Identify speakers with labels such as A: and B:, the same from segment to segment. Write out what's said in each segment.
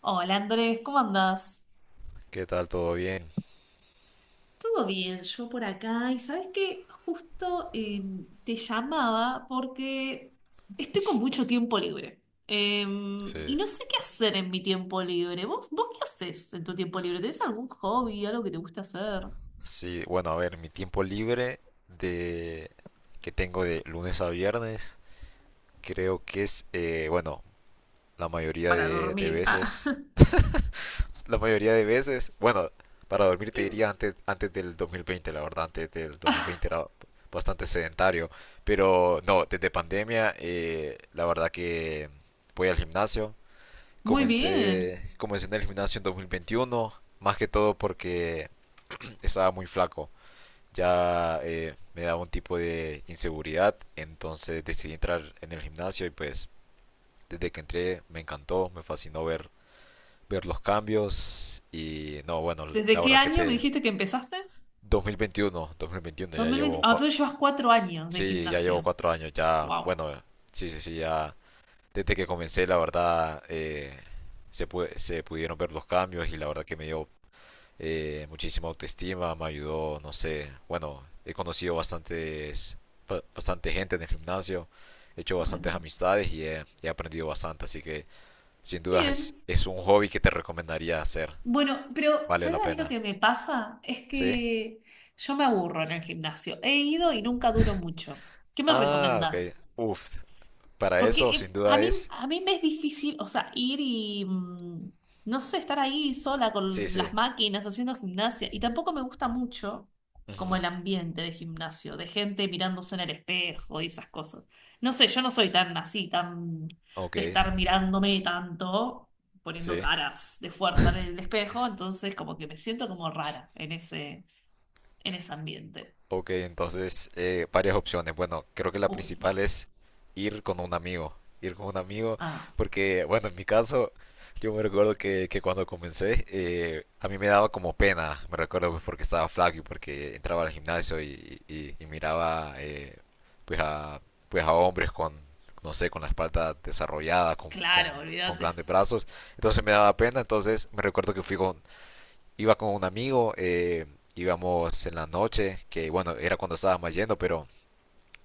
A: Hola Andrés, ¿cómo andás?
B: ¿Qué tal? ¿Todo bien?
A: Todo bien, yo por acá. Y sabes que justo te llamaba porque estoy con mucho tiempo libre. Y
B: Sí.
A: no sé qué hacer en mi tiempo libre. ¿Vos qué haces en tu tiempo libre? ¿Tenés algún hobby, algo que te guste hacer?
B: Sí, bueno, a ver, mi tiempo libre de que tengo de lunes a viernes, creo que es, bueno, la mayoría
A: Para
B: de
A: dormir. Ah.
B: veces. La mayoría de veces, bueno, para dormir te diría antes del 2020, la verdad, antes del 2020 era bastante sedentario, pero no, desde pandemia, la verdad que voy al gimnasio.
A: Muy bien.
B: Comencé en el gimnasio en 2021, más que todo porque estaba muy flaco. Ya me daba un tipo de inseguridad, entonces decidí entrar en el gimnasio y pues desde que entré me encantó, me fascinó ver los cambios y no, bueno,
A: ¿Desde
B: la
A: qué
B: verdad que
A: año me
B: te—
A: dijiste que empezaste?
B: dos mil veintiuno, ya
A: 2020.
B: llevo,
A: Ah, entonces llevas 4 años de
B: sí, ya llevo
A: gimnasio.
B: 4 años, ya,
A: Wow.
B: bueno, sí, sí, sí, ya desde que comencé la verdad, se, se pudieron ver los cambios y la verdad que me dio, muchísima autoestima, me ayudó, no sé, bueno, he conocido bastantes, bastante gente en el gimnasio, he hecho bastantes
A: Bueno,
B: amistades y he aprendido bastante, así que sin duda es,
A: bien.
B: es un hobby que te recomendaría hacer,
A: Bueno, pero
B: vale
A: ¿sabes
B: la
A: a mí lo
B: pena,
A: que me pasa? Es
B: ¿sí?
A: que yo me aburro en el gimnasio. He ido y nunca duro mucho. ¿Qué me
B: Ah, ok,
A: recomendás?
B: uff, para
A: Porque
B: eso sin
A: a
B: duda
A: mí,
B: es,
A: a mí me es difícil, o sea, ir y no sé, estar ahí sola
B: sí,
A: con las
B: sí,
A: máquinas haciendo gimnasia. Y tampoco me gusta mucho
B: ujú,
A: como el ambiente de gimnasio, de gente mirándose en el espejo y esas cosas. No sé, yo no soy tan así, tan
B: ok,
A: de estar mirándome tanto, poniendo
B: sí,
A: caras de fuerza en el espejo, entonces como que me siento como rara en ese ambiente.
B: ok, entonces, varias opciones. Bueno, creo que la
A: Uy, bueno.
B: principal es ir con un amigo. Ir con un amigo,
A: Ah,
B: porque, bueno, en mi caso, yo me recuerdo que cuando comencé, a mí me daba como pena. Me recuerdo, pues, porque estaba flaco y porque entraba al gimnasio y miraba, pues, a, pues a hombres con, no sé, con la espalda desarrollada,
A: claro,
B: con
A: olvídate.
B: grandes brazos. Entonces me daba pena. Entonces me recuerdo que fui con, iba con un amigo, íbamos en la noche, que bueno, era cuando estábamos yendo, pero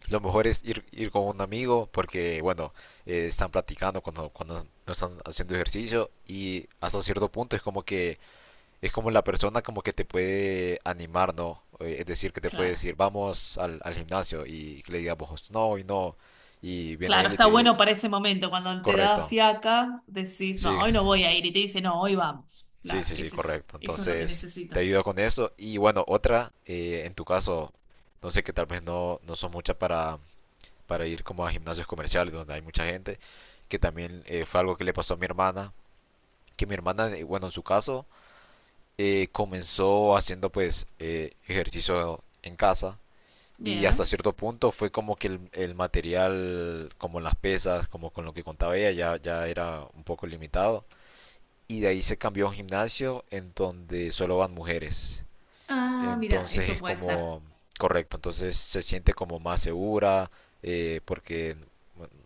B: lo mejor es ir con un amigo porque, bueno, están platicando cuando no están haciendo ejercicio y hasta cierto punto es como que es como la persona como que te puede animar, ¿no? Es decir, que te puede
A: Claro.
B: decir, vamos al gimnasio y que le digamos, no, y no, y viene
A: Claro,
B: él y
A: está
B: te dice,
A: bueno para ese momento, cuando te da
B: correcto.
A: fiaca, decís, no,
B: Sí,
A: hoy no voy a ir, y te dice, no, hoy vamos.
B: sí,
A: Claro,
B: sí, sí,
A: ese es,
B: correcto.
A: eso es lo que
B: Entonces,
A: necesito.
B: te ayudo con eso. Y bueno, otra, en tu caso, no sé, que tal vez no, no sos mucha para ir como a gimnasios comerciales donde hay mucha gente, que también fue algo que le pasó a mi hermana, que mi hermana, bueno, en su caso, comenzó haciendo, pues, ejercicio en casa y hasta
A: Bien.
B: cierto punto fue como que el material, como las pesas, como con lo que contaba ella, ya era un poco limitado y de ahí se cambió a un gimnasio en donde solo van mujeres.
A: Ah, mira,
B: Entonces
A: eso
B: es
A: puede ser.
B: como, correcto, entonces se siente como más segura, porque,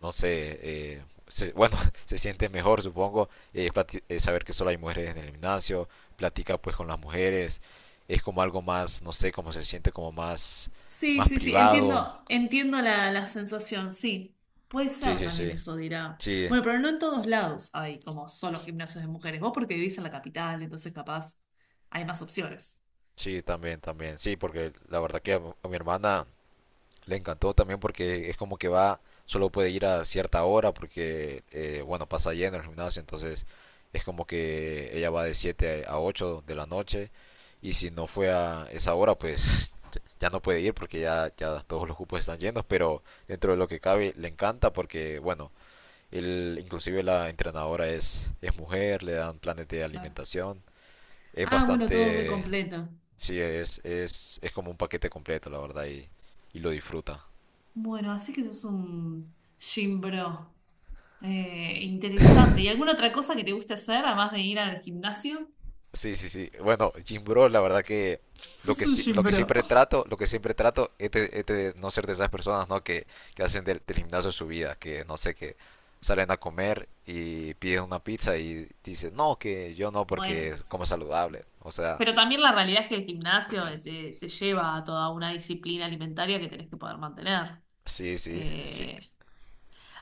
B: no sé, bueno, se siente mejor, supongo, saber que solo hay mujeres en el gimnasio, platica, pues, con las mujeres, es como algo más, no sé, como se siente como más,
A: Sí,
B: más
A: sí, sí,
B: privado.
A: entiendo, entiendo la sensación, sí. Puede
B: Sí,
A: ser
B: sí,
A: también
B: sí,
A: eso, dirá.
B: sí,
A: Bueno, pero no en todos lados hay como solo gimnasios de mujeres. Vos porque vivís en la capital, entonces capaz hay más opciones.
B: sí, también, también, sí, porque la verdad que a mi hermana le encantó también porque es como que va, solo puede ir a cierta hora porque, bueno, pasa lleno el gimnasio, entonces es como que ella va de 7 a 8 de la noche y si no fue a esa hora, pues, ya no puede ir porque ya todos los cupos están llenos, pero dentro de lo que cabe le encanta porque, bueno, él, inclusive la entrenadora es mujer, le dan planes de
A: Claro.
B: alimentación, es
A: Ah, bueno, todo muy
B: bastante,
A: completo.
B: sí, es como un paquete completo, la verdad, y lo disfruta.
A: Bueno, así que sos un gym bro. Interesante. ¿Y alguna otra cosa que te guste hacer, además de ir al gimnasio?
B: Sí, sí, sí. Bueno, Jim Bro, la verdad que lo
A: Sos
B: que,
A: un gym
B: lo que
A: bro.
B: siempre trato, lo que siempre trato es de no ser de esas personas, ¿no? Que hacen del gimnasio su vida, que no sé, que salen a comer y piden una pizza y dicen, no, que yo no porque
A: Bueno,
B: es como saludable. O sea,
A: pero también la realidad es que el gimnasio te lleva a toda una disciplina alimentaria que tenés que poder mantener.
B: sí, sí, sí.
A: Eh,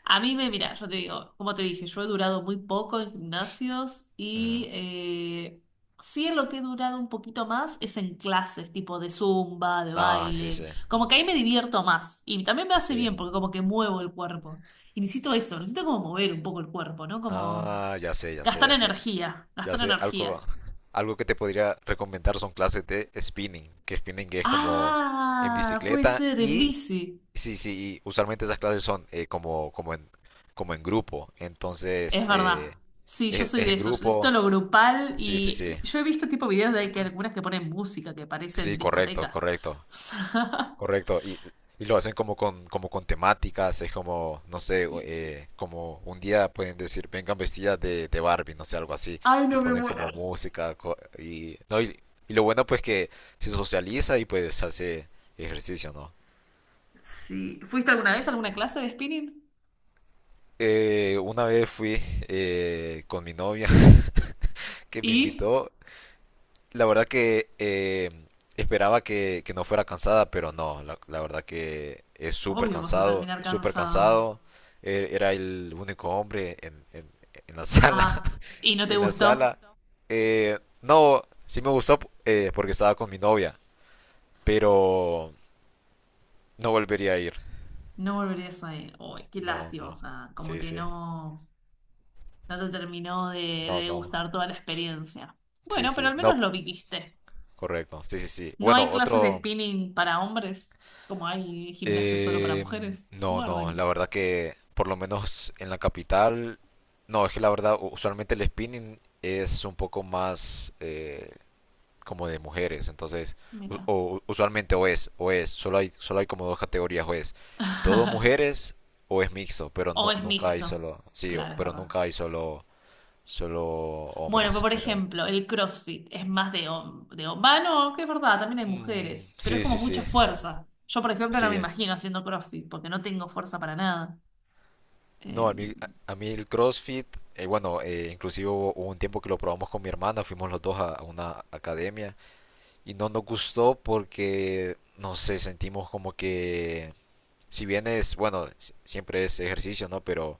A: Mira, yo te digo, como te dije, yo he durado muy poco en gimnasios y
B: Ujú.
A: sí en lo que he durado un poquito más es en clases, tipo de zumba, de
B: Ah, sí,
A: baile,
B: sí,
A: como que ahí me divierto más y también me hace
B: sí.
A: bien porque como que muevo el cuerpo. Y necesito eso, necesito como mover un poco el cuerpo, ¿no? Como
B: Ah, ya sé, ya sé,
A: gastar
B: ya sé.
A: energía,
B: Ya
A: gastar
B: sé, algo,
A: energía.
B: algo que te podría recomendar son clases de spinning, que spinning es como en
A: Ah, puede
B: bicicleta
A: ser en
B: y
A: bici.
B: sí, sí, y usualmente esas clases son, como, como en grupo, entonces,
A: Es verdad. Sí, yo soy
B: es
A: de
B: en
A: eso. Yo necesito
B: grupo,
A: lo grupal
B: sí, sí, sí,
A: y yo he visto tipo videos de ahí que algunas que ponen música que parecen
B: sí, correcto,
A: discotecas.
B: correcto,
A: O sea,
B: correcto, y lo hacen como con, temáticas, es como, no sé, como un día pueden decir, vengan vestidas de Barbie, no sé, algo así,
A: ay,
B: y
A: no me
B: ponen
A: muero.
B: como música, y, no, y lo bueno, pues, que se socializa y pues hace ejercicio, ¿no?
A: Sí. ¿Fuiste alguna vez a alguna clase de spinning?
B: Una vez fui, con mi novia, que me
A: Y
B: invitó, la verdad que, esperaba que no fuera cansada, pero no, la verdad que es súper
A: obvio vas a
B: cansado,
A: terminar
B: súper
A: cansada.
B: cansado. Era el único hombre en la sala,
A: Ah, ¿y no te
B: en la
A: gustó?
B: sala. No, sí me gustó, porque estaba con mi novia, pero no volvería a ir.
A: No volverías a ir. Uy, qué
B: No,
A: lástima. O
B: no.
A: sea, como
B: Sí,
A: que
B: sí.
A: no, no te terminó
B: No,
A: de
B: no.
A: gustar toda la experiencia.
B: Sí,
A: Bueno, pero
B: sí.
A: al
B: No,
A: menos lo viviste.
B: correcto. Sí, sí, sí.
A: No hay
B: Bueno,
A: clases de
B: otro—
A: spinning para hombres, como hay gimnasia solo para
B: Eh,
A: mujeres.
B: no, no, la
A: Guardians.
B: verdad que por lo menos en la capital, no, es que la verdad, usualmente el spinning es un poco más, como de mujeres, entonces,
A: Mira.
B: usualmente o es, solo hay como dos categorías: o es todo mujeres o es mixto, pero
A: O
B: no,
A: es
B: nunca hay
A: mixto.
B: solo, sí,
A: Claro, es
B: pero
A: verdad.
B: nunca hay solo
A: Bueno, pero
B: hombres,
A: por
B: pero
A: ejemplo, el CrossFit es más Va, no, que es verdad, también hay
B: mm,
A: mujeres, pero es
B: sí,
A: como
B: sí,
A: mucha
B: sí,
A: fuerza. Yo, por ejemplo, no me
B: sí.
A: imagino haciendo CrossFit porque no tengo fuerza para nada. Eh,
B: No, a mí el CrossFit, bueno, inclusive hubo un tiempo que lo probamos con mi hermana, fuimos los dos a una academia y no nos gustó porque, no sé, sentimos como que, si bien es, bueno, siempre es ejercicio, ¿no? Pero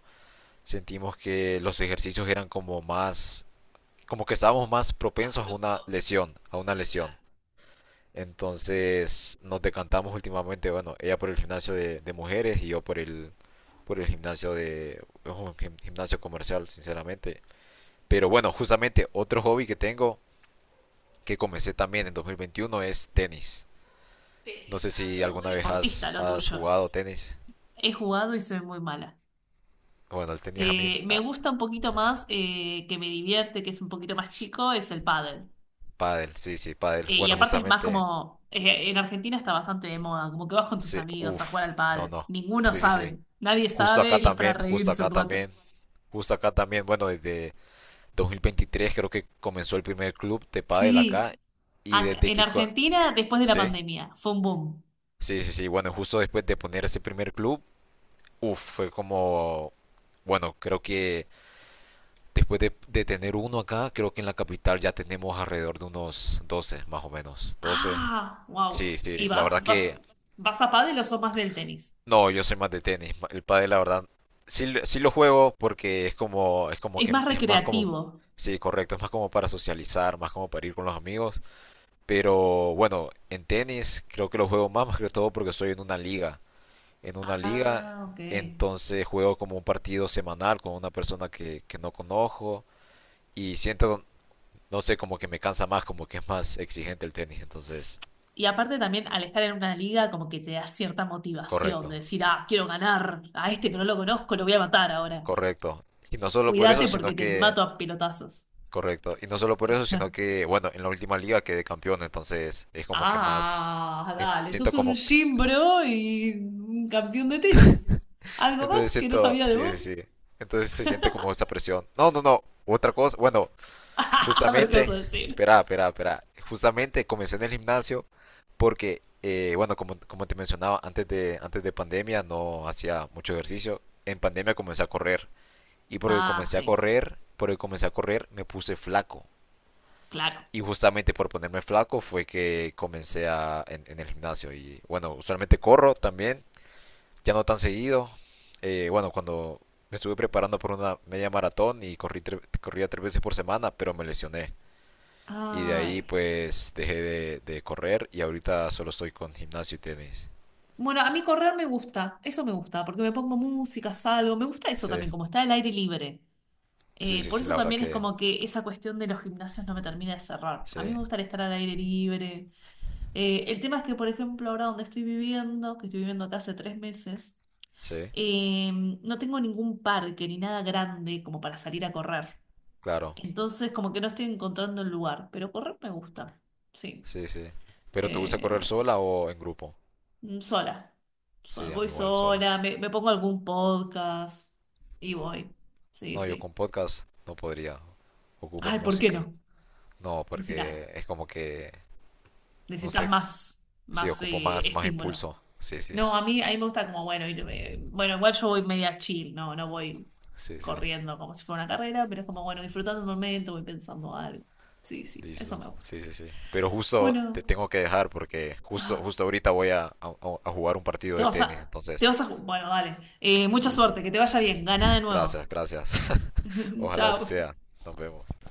B: sentimos que los ejercicios eran como más, como que estábamos más
A: más
B: propensos a una
A: bruscos,
B: lesión, a una lesión.
A: claro.
B: Entonces nos decantamos últimamente, bueno, ella por el gimnasio de mujeres y yo por el, por el gimnasio de un gimnasio comercial, sinceramente. Pero bueno,
A: Eh,
B: justamente otro hobby que tengo, que comencé también en 2021, es tenis. No
A: Tenis,
B: sé
A: ah,
B: si
A: todo muy
B: alguna vez
A: deportista
B: has,
A: lo
B: has
A: tuyo.
B: jugado tenis.
A: He jugado y soy muy mala.
B: Bueno, el tenis, a mí,
A: Me
B: ah,
A: gusta un poquito más, que me divierte, que es un poquito más chico, es el pádel.
B: pádel, sí, sí, pádel.
A: Y
B: Bueno,
A: aparte es más
B: justamente,
A: como, en Argentina está bastante de moda, como que vas con tus
B: sí,
A: amigos a jugar
B: uff,
A: al
B: no,
A: pádel.
B: no,
A: Ninguno
B: sí, sí, sí.
A: sabe, nadie
B: Justo
A: sabe
B: acá
A: y es para
B: también, justo
A: reírse
B: acá
A: un rato.
B: también, justo acá también. Bueno, desde 2023 creo que comenzó el primer club de pádel
A: Sí,
B: acá, y
A: ac-
B: desde
A: en
B: que,
A: Argentina después de la
B: sí.
A: pandemia fue un boom.
B: Sí, sí, sí. Bueno, justo después de poner ese primer club, uff, fue como, bueno, creo que después de tener uno acá, creo que en la capital ya tenemos alrededor de unos 12, más o menos. 12.
A: Ah,
B: Sí,
A: wow. ¿Y
B: sí. La verdad
A: vas, vas,
B: que,
A: vas a pádel o sos más del tenis?
B: no, yo soy más de tenis. El pádel, la verdad, sí, sí lo juego porque es como
A: Es
B: que
A: más
B: es más como,
A: recreativo.
B: sí, correcto, es más como para socializar, más como para ir con los amigos. Pero bueno, en tenis creo que lo juego más, más que todo porque soy en una liga. En una liga,
A: Ah, ok.
B: entonces juego como un partido semanal con una persona que no conozco y siento, no sé, como que me cansa más, como que es más exigente el tenis, entonces,
A: Y aparte también al estar en una liga como que te da cierta motivación de
B: correcto,
A: decir, ah, quiero ganar, a este que no lo conozco lo voy a matar ahora.
B: correcto. Y no solo por eso,
A: Cuídate
B: sino
A: porque te
B: que,
A: mato a pelotazos.
B: correcto, y no solo por eso, sino que, bueno, en la última liga quedé campeón, entonces es como que más,
A: Ah, dale,
B: siento
A: sos un
B: como,
A: gym bro y un campeón de tenis. ¿Algo
B: entonces
A: más que no
B: siento,
A: sabía de
B: sí, sí,
A: vos?
B: sí, entonces se siente como esa presión. No, no, no, otra cosa, bueno,
A: A ver qué vas a
B: justamente,
A: decir.
B: espera, espera, espera. Justamente comencé en el gimnasio porque, bueno, como, como te mencionaba, antes de pandemia no hacía mucho ejercicio. En pandemia comencé a correr. Y porque
A: Ah,
B: comencé a
A: sí,
B: correr, porque comencé a correr, me puse flaco.
A: claro.
B: Y justamente por ponerme flaco fue que comencé en el gimnasio. Y bueno, usualmente corro también, ya no tan seguido. Bueno, cuando me estuve preparando por una media maratón y corrí, corría 3 veces por semana, pero me lesioné. Y de ahí,
A: Ay.
B: pues, dejé de correr y ahorita solo estoy con gimnasio y tenis.
A: Bueno, a mí correr me gusta, eso me gusta, porque me pongo música, salgo, me gusta eso
B: Sí,
A: también, como está el aire libre.
B: sí, sí,
A: Por
B: sí,
A: eso
B: la verdad
A: también es
B: que
A: como que esa cuestión de los gimnasios no me termina de cerrar. A mí
B: sí,
A: me gustaría estar al aire libre. El tema es que, por ejemplo, ahora donde estoy viviendo, que estoy viviendo acá hace 3 meses,
B: sí,
A: eh, no tengo ningún parque ni nada grande como para salir a correr.
B: claro,
A: Entonces, como que no estoy encontrando el lugar, pero correr me gusta, sí.
B: sí, sí. ¿Pero te gusta correr
A: Eh,
B: sola o en grupo?
A: Sola.
B: Sí, a mí
A: Voy
B: igual, sola.
A: sola, me pongo algún podcast y voy. Sí,
B: No, yo
A: sí.
B: con podcast no podría. Ocupo
A: Ay, ¿por qué
B: música.
A: no?
B: No,
A: Música.
B: porque es como que, no
A: Necesitas
B: sé,
A: más,
B: sí,
A: más
B: ocupo
A: eh,
B: más, más
A: estímulo.
B: impulso. Sí, sí,
A: No, a mí me gusta como, bueno, ir, bueno, igual yo voy media chill, no, no voy
B: sí, sí.
A: corriendo como si fuera una carrera, pero es como, bueno, disfrutando el momento, voy pensando algo. Sí, sí, eso
B: Listo.
A: me gusta.
B: Sí, sí, sí. Pero justo
A: Bueno,
B: te tengo que dejar porque
A: ah,
B: justo ahorita voy a jugar un partido
A: te
B: de
A: vas
B: tenis.
A: a, te
B: Entonces,
A: vas a, bueno, dale. Mucha suerte, que te vaya bien, gana de nuevo.
B: gracias, gracias. Ojalá así
A: Chao.
B: sea. Nos vemos.